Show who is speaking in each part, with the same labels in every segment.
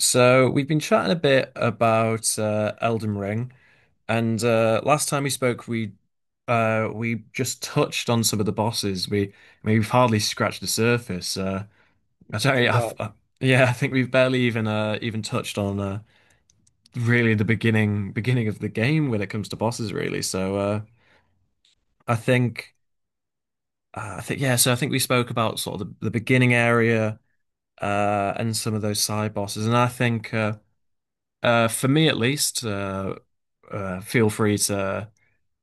Speaker 1: So we've been chatting a bit about Elden Ring, and last time we spoke, we just touched on some of the bosses. We I mean, we've hardly scratched the surface. I don't,
Speaker 2: You're
Speaker 1: I've,
Speaker 2: right.
Speaker 1: yeah, I think we've barely even even touched on really the beginning of the game when it comes to bosses, really. So I think I think yeah. So I think we spoke about sort of the beginning area and some of those side bosses, and I think. For me at least, feel free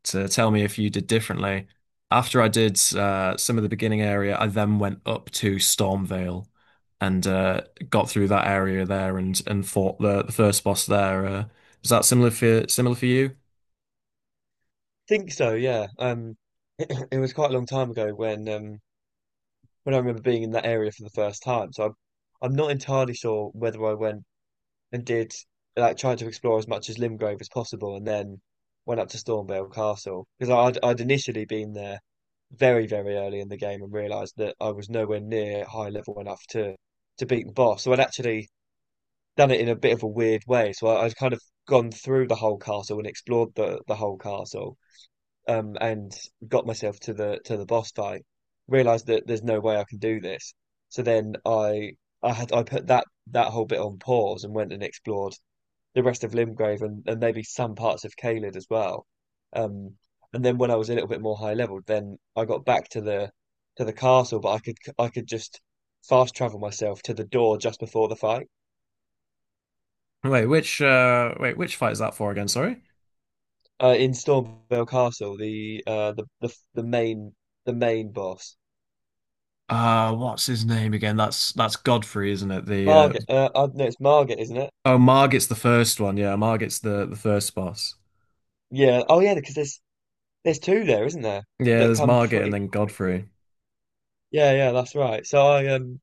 Speaker 1: to tell me if you did differently. After I did some of the beginning area, I then went up to Stormvale and got through that area there and fought the first boss there. Is that similar for you?
Speaker 2: Think so, yeah. It was quite a long time ago when I remember being in that area for the first time. So I'm not entirely sure whether I went and did like tried to explore as much as Limgrave as possible, and then went up to Stormvale Castle because I'd initially been there very very early in the game and realised that I was nowhere near high level enough to beat the boss. So I'd actually done it in a bit of a weird way. So I'd kind of gone through the whole castle and explored the whole castle and got myself to the boss fight. Realized that there's no way I can do this. So then I put that whole bit on pause and went and explored the rest of Limgrave and maybe some parts of Caelid as well. Um, and then when I was a little bit more high level, then I got back to the castle, but I could just fast travel myself to the door just before the fight.
Speaker 1: Wait, which which fight is that for again? Sorry.
Speaker 2: In Stormvale Castle, the main boss,
Speaker 1: What's his name again? That's Godfrey, isn't it? The
Speaker 2: Margaret. No, it's Margaret, isn't it?
Speaker 1: oh, Margit's the first one. Yeah, Margit's the first boss.
Speaker 2: Yeah. Oh, yeah. Because there's two there, isn't there?
Speaker 1: Yeah,
Speaker 2: That
Speaker 1: there's
Speaker 2: come
Speaker 1: Margit and
Speaker 2: pretty
Speaker 1: then Godfrey.
Speaker 2: quickly. Yeah. Yeah. That's right. So I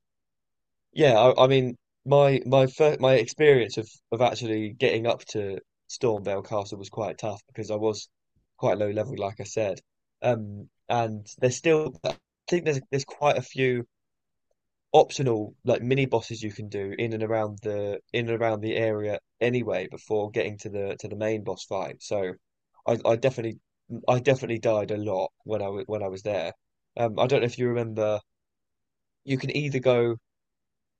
Speaker 2: yeah. I mean my my first my experience of actually getting up to Stormvale Castle was quite tough because I was quite low level, like I said. And there's still I think there's quite a few optional like mini bosses you can do in and around the in and around the area anyway before getting to the main boss fight. So I, I definitely I definitely died a lot when I was there. I don't know if you remember. You can either go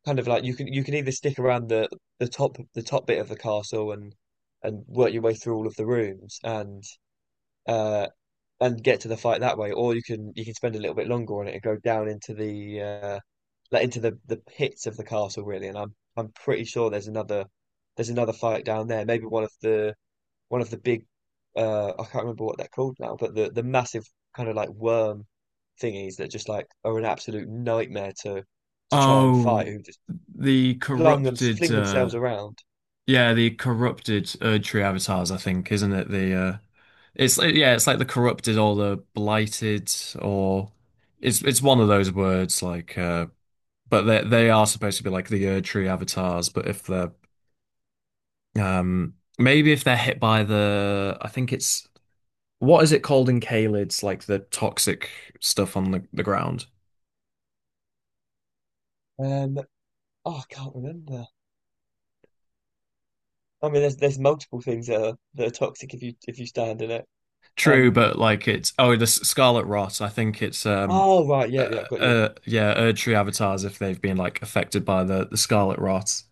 Speaker 2: kind of like you can either stick around the top bit of the castle and work your way through all of the rooms uh and get to the fight that way, or you can spend a little bit longer on it and go down into the like into the pits of the castle really. And I'm pretty sure there's another fight down there. Maybe one of the big I can't remember what they're called now, but the massive kind of like worm thingies that just like are an absolute nightmare to try and fight
Speaker 1: Oh,
Speaker 2: who just
Speaker 1: the
Speaker 2: flung them
Speaker 1: corrupted
Speaker 2: fling themselves around.
Speaker 1: yeah, the corrupted Erdtree avatars, I think, isn't it? Yeah, it's like the corrupted or the blighted or it's one of those words like but they are supposed to be like the Erdtree avatars, but if they're maybe if they're hit by the I think it's what is it called in Caelid's like the toxic stuff on the ground?
Speaker 2: Um, oh, I can't remember. I mean, there's multiple things that are toxic if you stand in it.
Speaker 1: True,
Speaker 2: Um,
Speaker 1: but like it's oh the Scarlet Rot. I think it's
Speaker 2: Oh right,
Speaker 1: uh,
Speaker 2: yeah, yeah, I've got you.
Speaker 1: yeah Erdtree avatars if they've been like affected by the Scarlet Rot.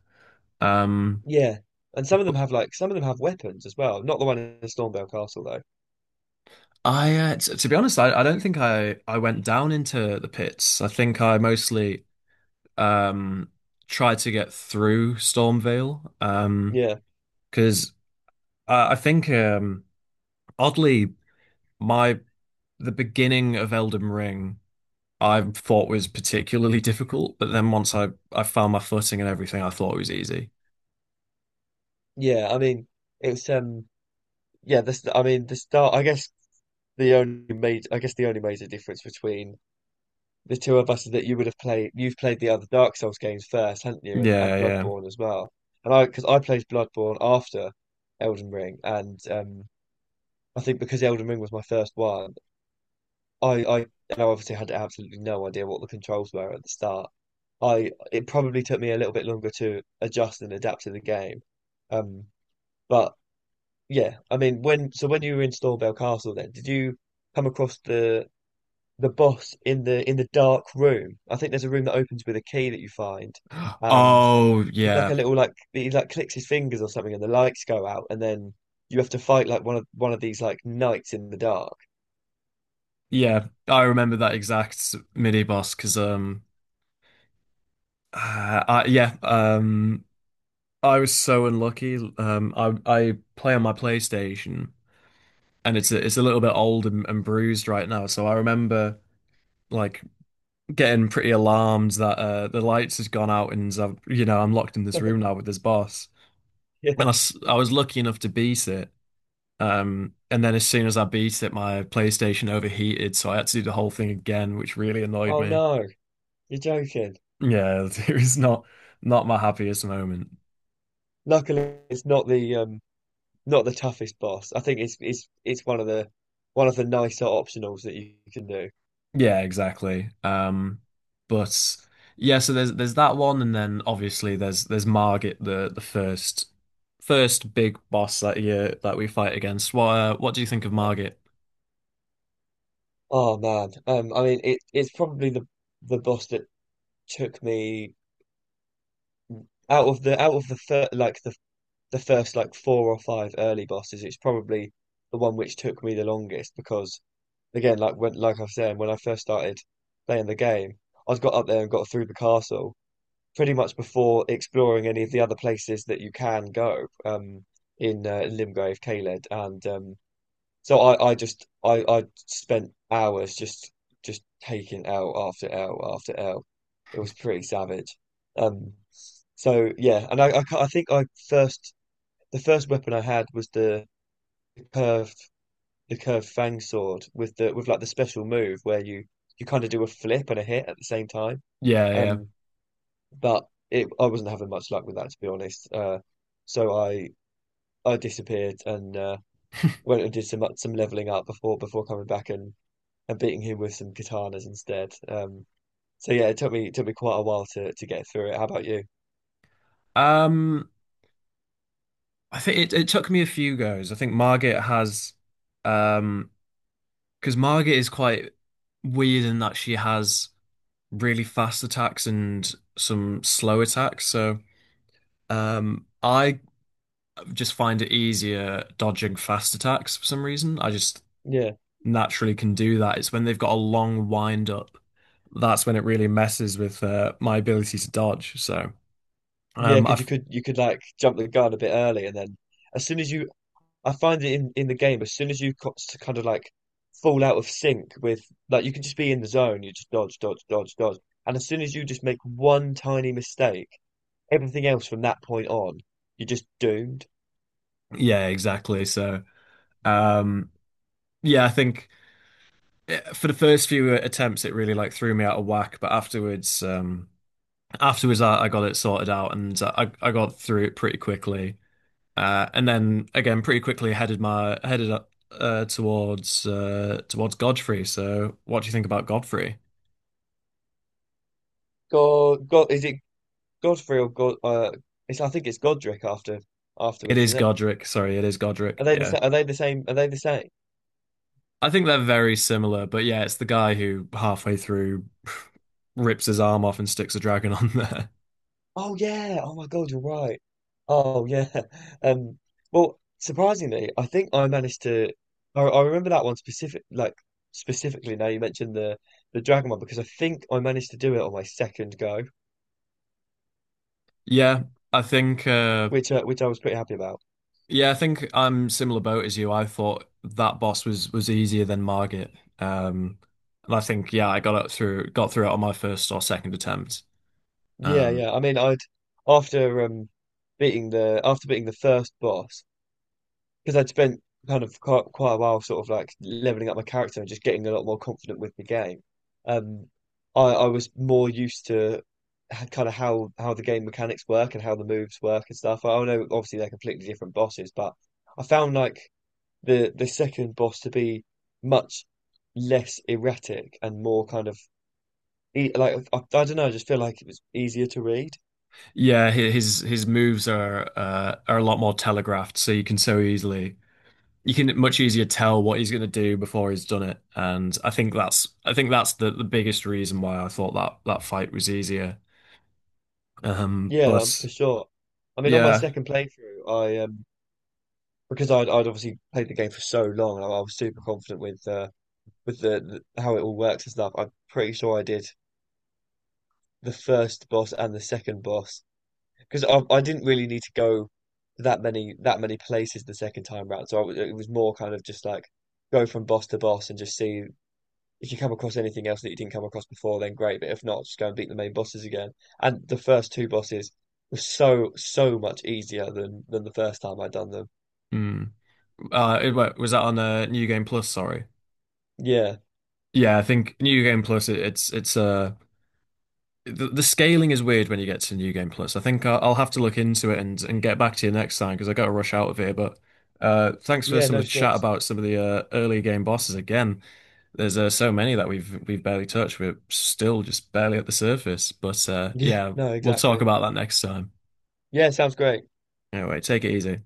Speaker 1: Um,
Speaker 2: Yeah, and some of them
Speaker 1: but
Speaker 2: have like some of them have weapons as well. Not the one in Stormvale Castle though.
Speaker 1: I t to be honest, I don't think I went down into the pits. I think I mostly um tried to get through Stormvale
Speaker 2: Yeah,
Speaker 1: because I think oddly my the beginning of Elden Ring. I thought was particularly difficult, but then once I found my footing and everything, I thought it was easy.
Speaker 2: yeah. I mean, it's yeah. I mean, the start. I guess the only made. I guess the only major difference between the two of us is that you would have played. You've played the other Dark Souls games first, haven't you?
Speaker 1: Yeah,
Speaker 2: And
Speaker 1: yeah.
Speaker 2: Bloodborne as well. And because I played Bloodborne after Elden Ring, and I think because Elden Ring was my first one, I, I, and I obviously had absolutely no idea what the controls were at the start. I it probably took me a little bit longer to adjust and adapt to the game. Um, but yeah, I mean, when so when you were in Stormvale Castle, then did you come across the boss in the dark room? I think there's a room that opens with a key that you find, and
Speaker 1: Oh,
Speaker 2: it's like
Speaker 1: yeah.
Speaker 2: a little like he like clicks his fingers or something, and the lights go out, and then you have to fight like one of these like knights in the dark.
Speaker 1: Yeah, I remember that exact mini boss because yeah, I was so unlucky. I play on my PlayStation and it's it's a little bit old and bruised right now, so I remember like getting pretty alarmed that the lights has gone out and I've, you know, I'm locked in this room now with this boss.
Speaker 2: Yeah.
Speaker 1: And I was lucky enough to beat it. And then as soon as I beat it, my PlayStation overheated, so I had to do the whole thing again, which really annoyed
Speaker 2: Oh
Speaker 1: me.
Speaker 2: no, you're joking.
Speaker 1: Yeah, it was not my happiest moment.
Speaker 2: Luckily, it's not the not the toughest boss. I think it's one of the nicer optionals that you can do.
Speaker 1: Yeah, exactly. But yeah, so there's that one, and then obviously there's Margit, the first big boss that year that we fight against. What do you think of
Speaker 2: Yeah.
Speaker 1: Margit?
Speaker 2: Oh man, I mean it's probably the boss that took me out of the out of the first like four or five early bosses. It's probably the one which took me the longest because again, like I was saying, when I first started playing the game, I got up there and got through the castle. Pretty much before exploring any of the other places that you can go in Limgrave, Caled, and so I spent hours just taking L after L after L. It was pretty savage. Um, so yeah, and I think I first the first weapon I had was curved the curved fang sword with the with like the special move where you kind of do a flip and a hit at the same time.
Speaker 1: Yeah,
Speaker 2: Um, but I wasn't having much luck with that, to be honest. So I disappeared and went and did some leveling up before before coming back and beating him with some katanas instead. So yeah, it took me quite a while to get through it. How about you?
Speaker 1: yeah. I think it took me a few goes. I think Margit has, um, because Margit is quite weird in that she has really fast attacks and some slow attacks. So, I just find it easier dodging fast attacks for some reason. I just
Speaker 2: Yeah,
Speaker 1: naturally can do that. It's when they've got a long wind up that's when it really messes with my ability to dodge. So,
Speaker 2: yeah,
Speaker 1: um,
Speaker 2: because
Speaker 1: I,
Speaker 2: you could like jump the gun a bit early, and then as soon as you, I find it in the game, as soon as kind of like fall out of sync with like you can just be in the zone, you just dodge, dodge, dodge, dodge, and as soon as you just make one tiny mistake everything else from that point on, you're just doomed.
Speaker 1: yeah, exactly. So, um, yeah, I think. For the first few attempts, it really like threw me out of whack. But afterwards, afterwards, I got it sorted out and I got through it pretty quickly. And then again, pretty quickly headed up towards towards Godfrey. So, what do you think about Godfrey?
Speaker 2: Is it Godfrey or God? It's I think it's Godric after
Speaker 1: It
Speaker 2: afterwards,
Speaker 1: is
Speaker 2: isn't it?
Speaker 1: Godric. Sorry, it is Godric. Yeah,
Speaker 2: Are they the same? Are they the same?
Speaker 1: I think they're very similar. But yeah, it's the guy who halfway through rips his arm off and sticks a dragon on there.
Speaker 2: Oh yeah. Oh my God, you're right. Oh yeah. Um. Well, surprisingly, I think I managed to. I remember that one specifically. Now you mentioned the dragon one because I think I managed to do it on my second go,
Speaker 1: Yeah, I think. Uh,
Speaker 2: which I was pretty happy about.
Speaker 1: Yeah, I think I'm similar boat as you. I thought that boss was easier than Margit. Um, and I think yeah, I got up through got through it on my first or second attempt.
Speaker 2: Yeah,
Speaker 1: Um,
Speaker 2: yeah. I mean, I'd after beating the after beating the first boss because I'd spent kind of quite a while sort of like leveling up my character and just getting a lot more confident with the game. Um, I was more used to kind of how the game mechanics work and how the moves work and stuff. I know obviously they're completely different bosses, but I found like the second boss to be much less erratic and more kind of I don't know. I just feel like it was easier to read.
Speaker 1: yeah, his moves are a lot more telegraphed, so you can so easily you can much easier tell what he's going to do before he's done it. And I think that's the biggest reason why I thought that that fight was easier.
Speaker 2: Yeah,
Speaker 1: But
Speaker 2: for sure. I mean, on my
Speaker 1: yeah,
Speaker 2: second playthrough, I because I'd obviously played the game for so long, and I was super confident with the how it all works and stuff. I'm pretty sure I did the first boss and the second boss because I didn't really need to go that many places the second time round. So it was more kind of just like go from boss to boss and just see if you come across anything else that you didn't come across before, then great. But if not, just go and beat the main bosses again. And the first two bosses were so so much easier than the first time I'd done them.
Speaker 1: mm. Was that on New Game Plus? Sorry.
Speaker 2: Yeah,
Speaker 1: Yeah, I think New Game Plus it, it's the scaling is weird when you get to New Game Plus. I think I'll have to look into it and get back to you next time because I got to rush out of here. But thanks for
Speaker 2: yeah,
Speaker 1: some of
Speaker 2: no
Speaker 1: the chat
Speaker 2: stress.
Speaker 1: about some of the early game bosses again. There's so many that we've barely touched. We're still just barely at the surface. But
Speaker 2: Yeah,
Speaker 1: yeah,
Speaker 2: no,
Speaker 1: we'll talk
Speaker 2: exactly.
Speaker 1: about that next time.
Speaker 2: Yeah, sounds great.
Speaker 1: Anyway, take it easy.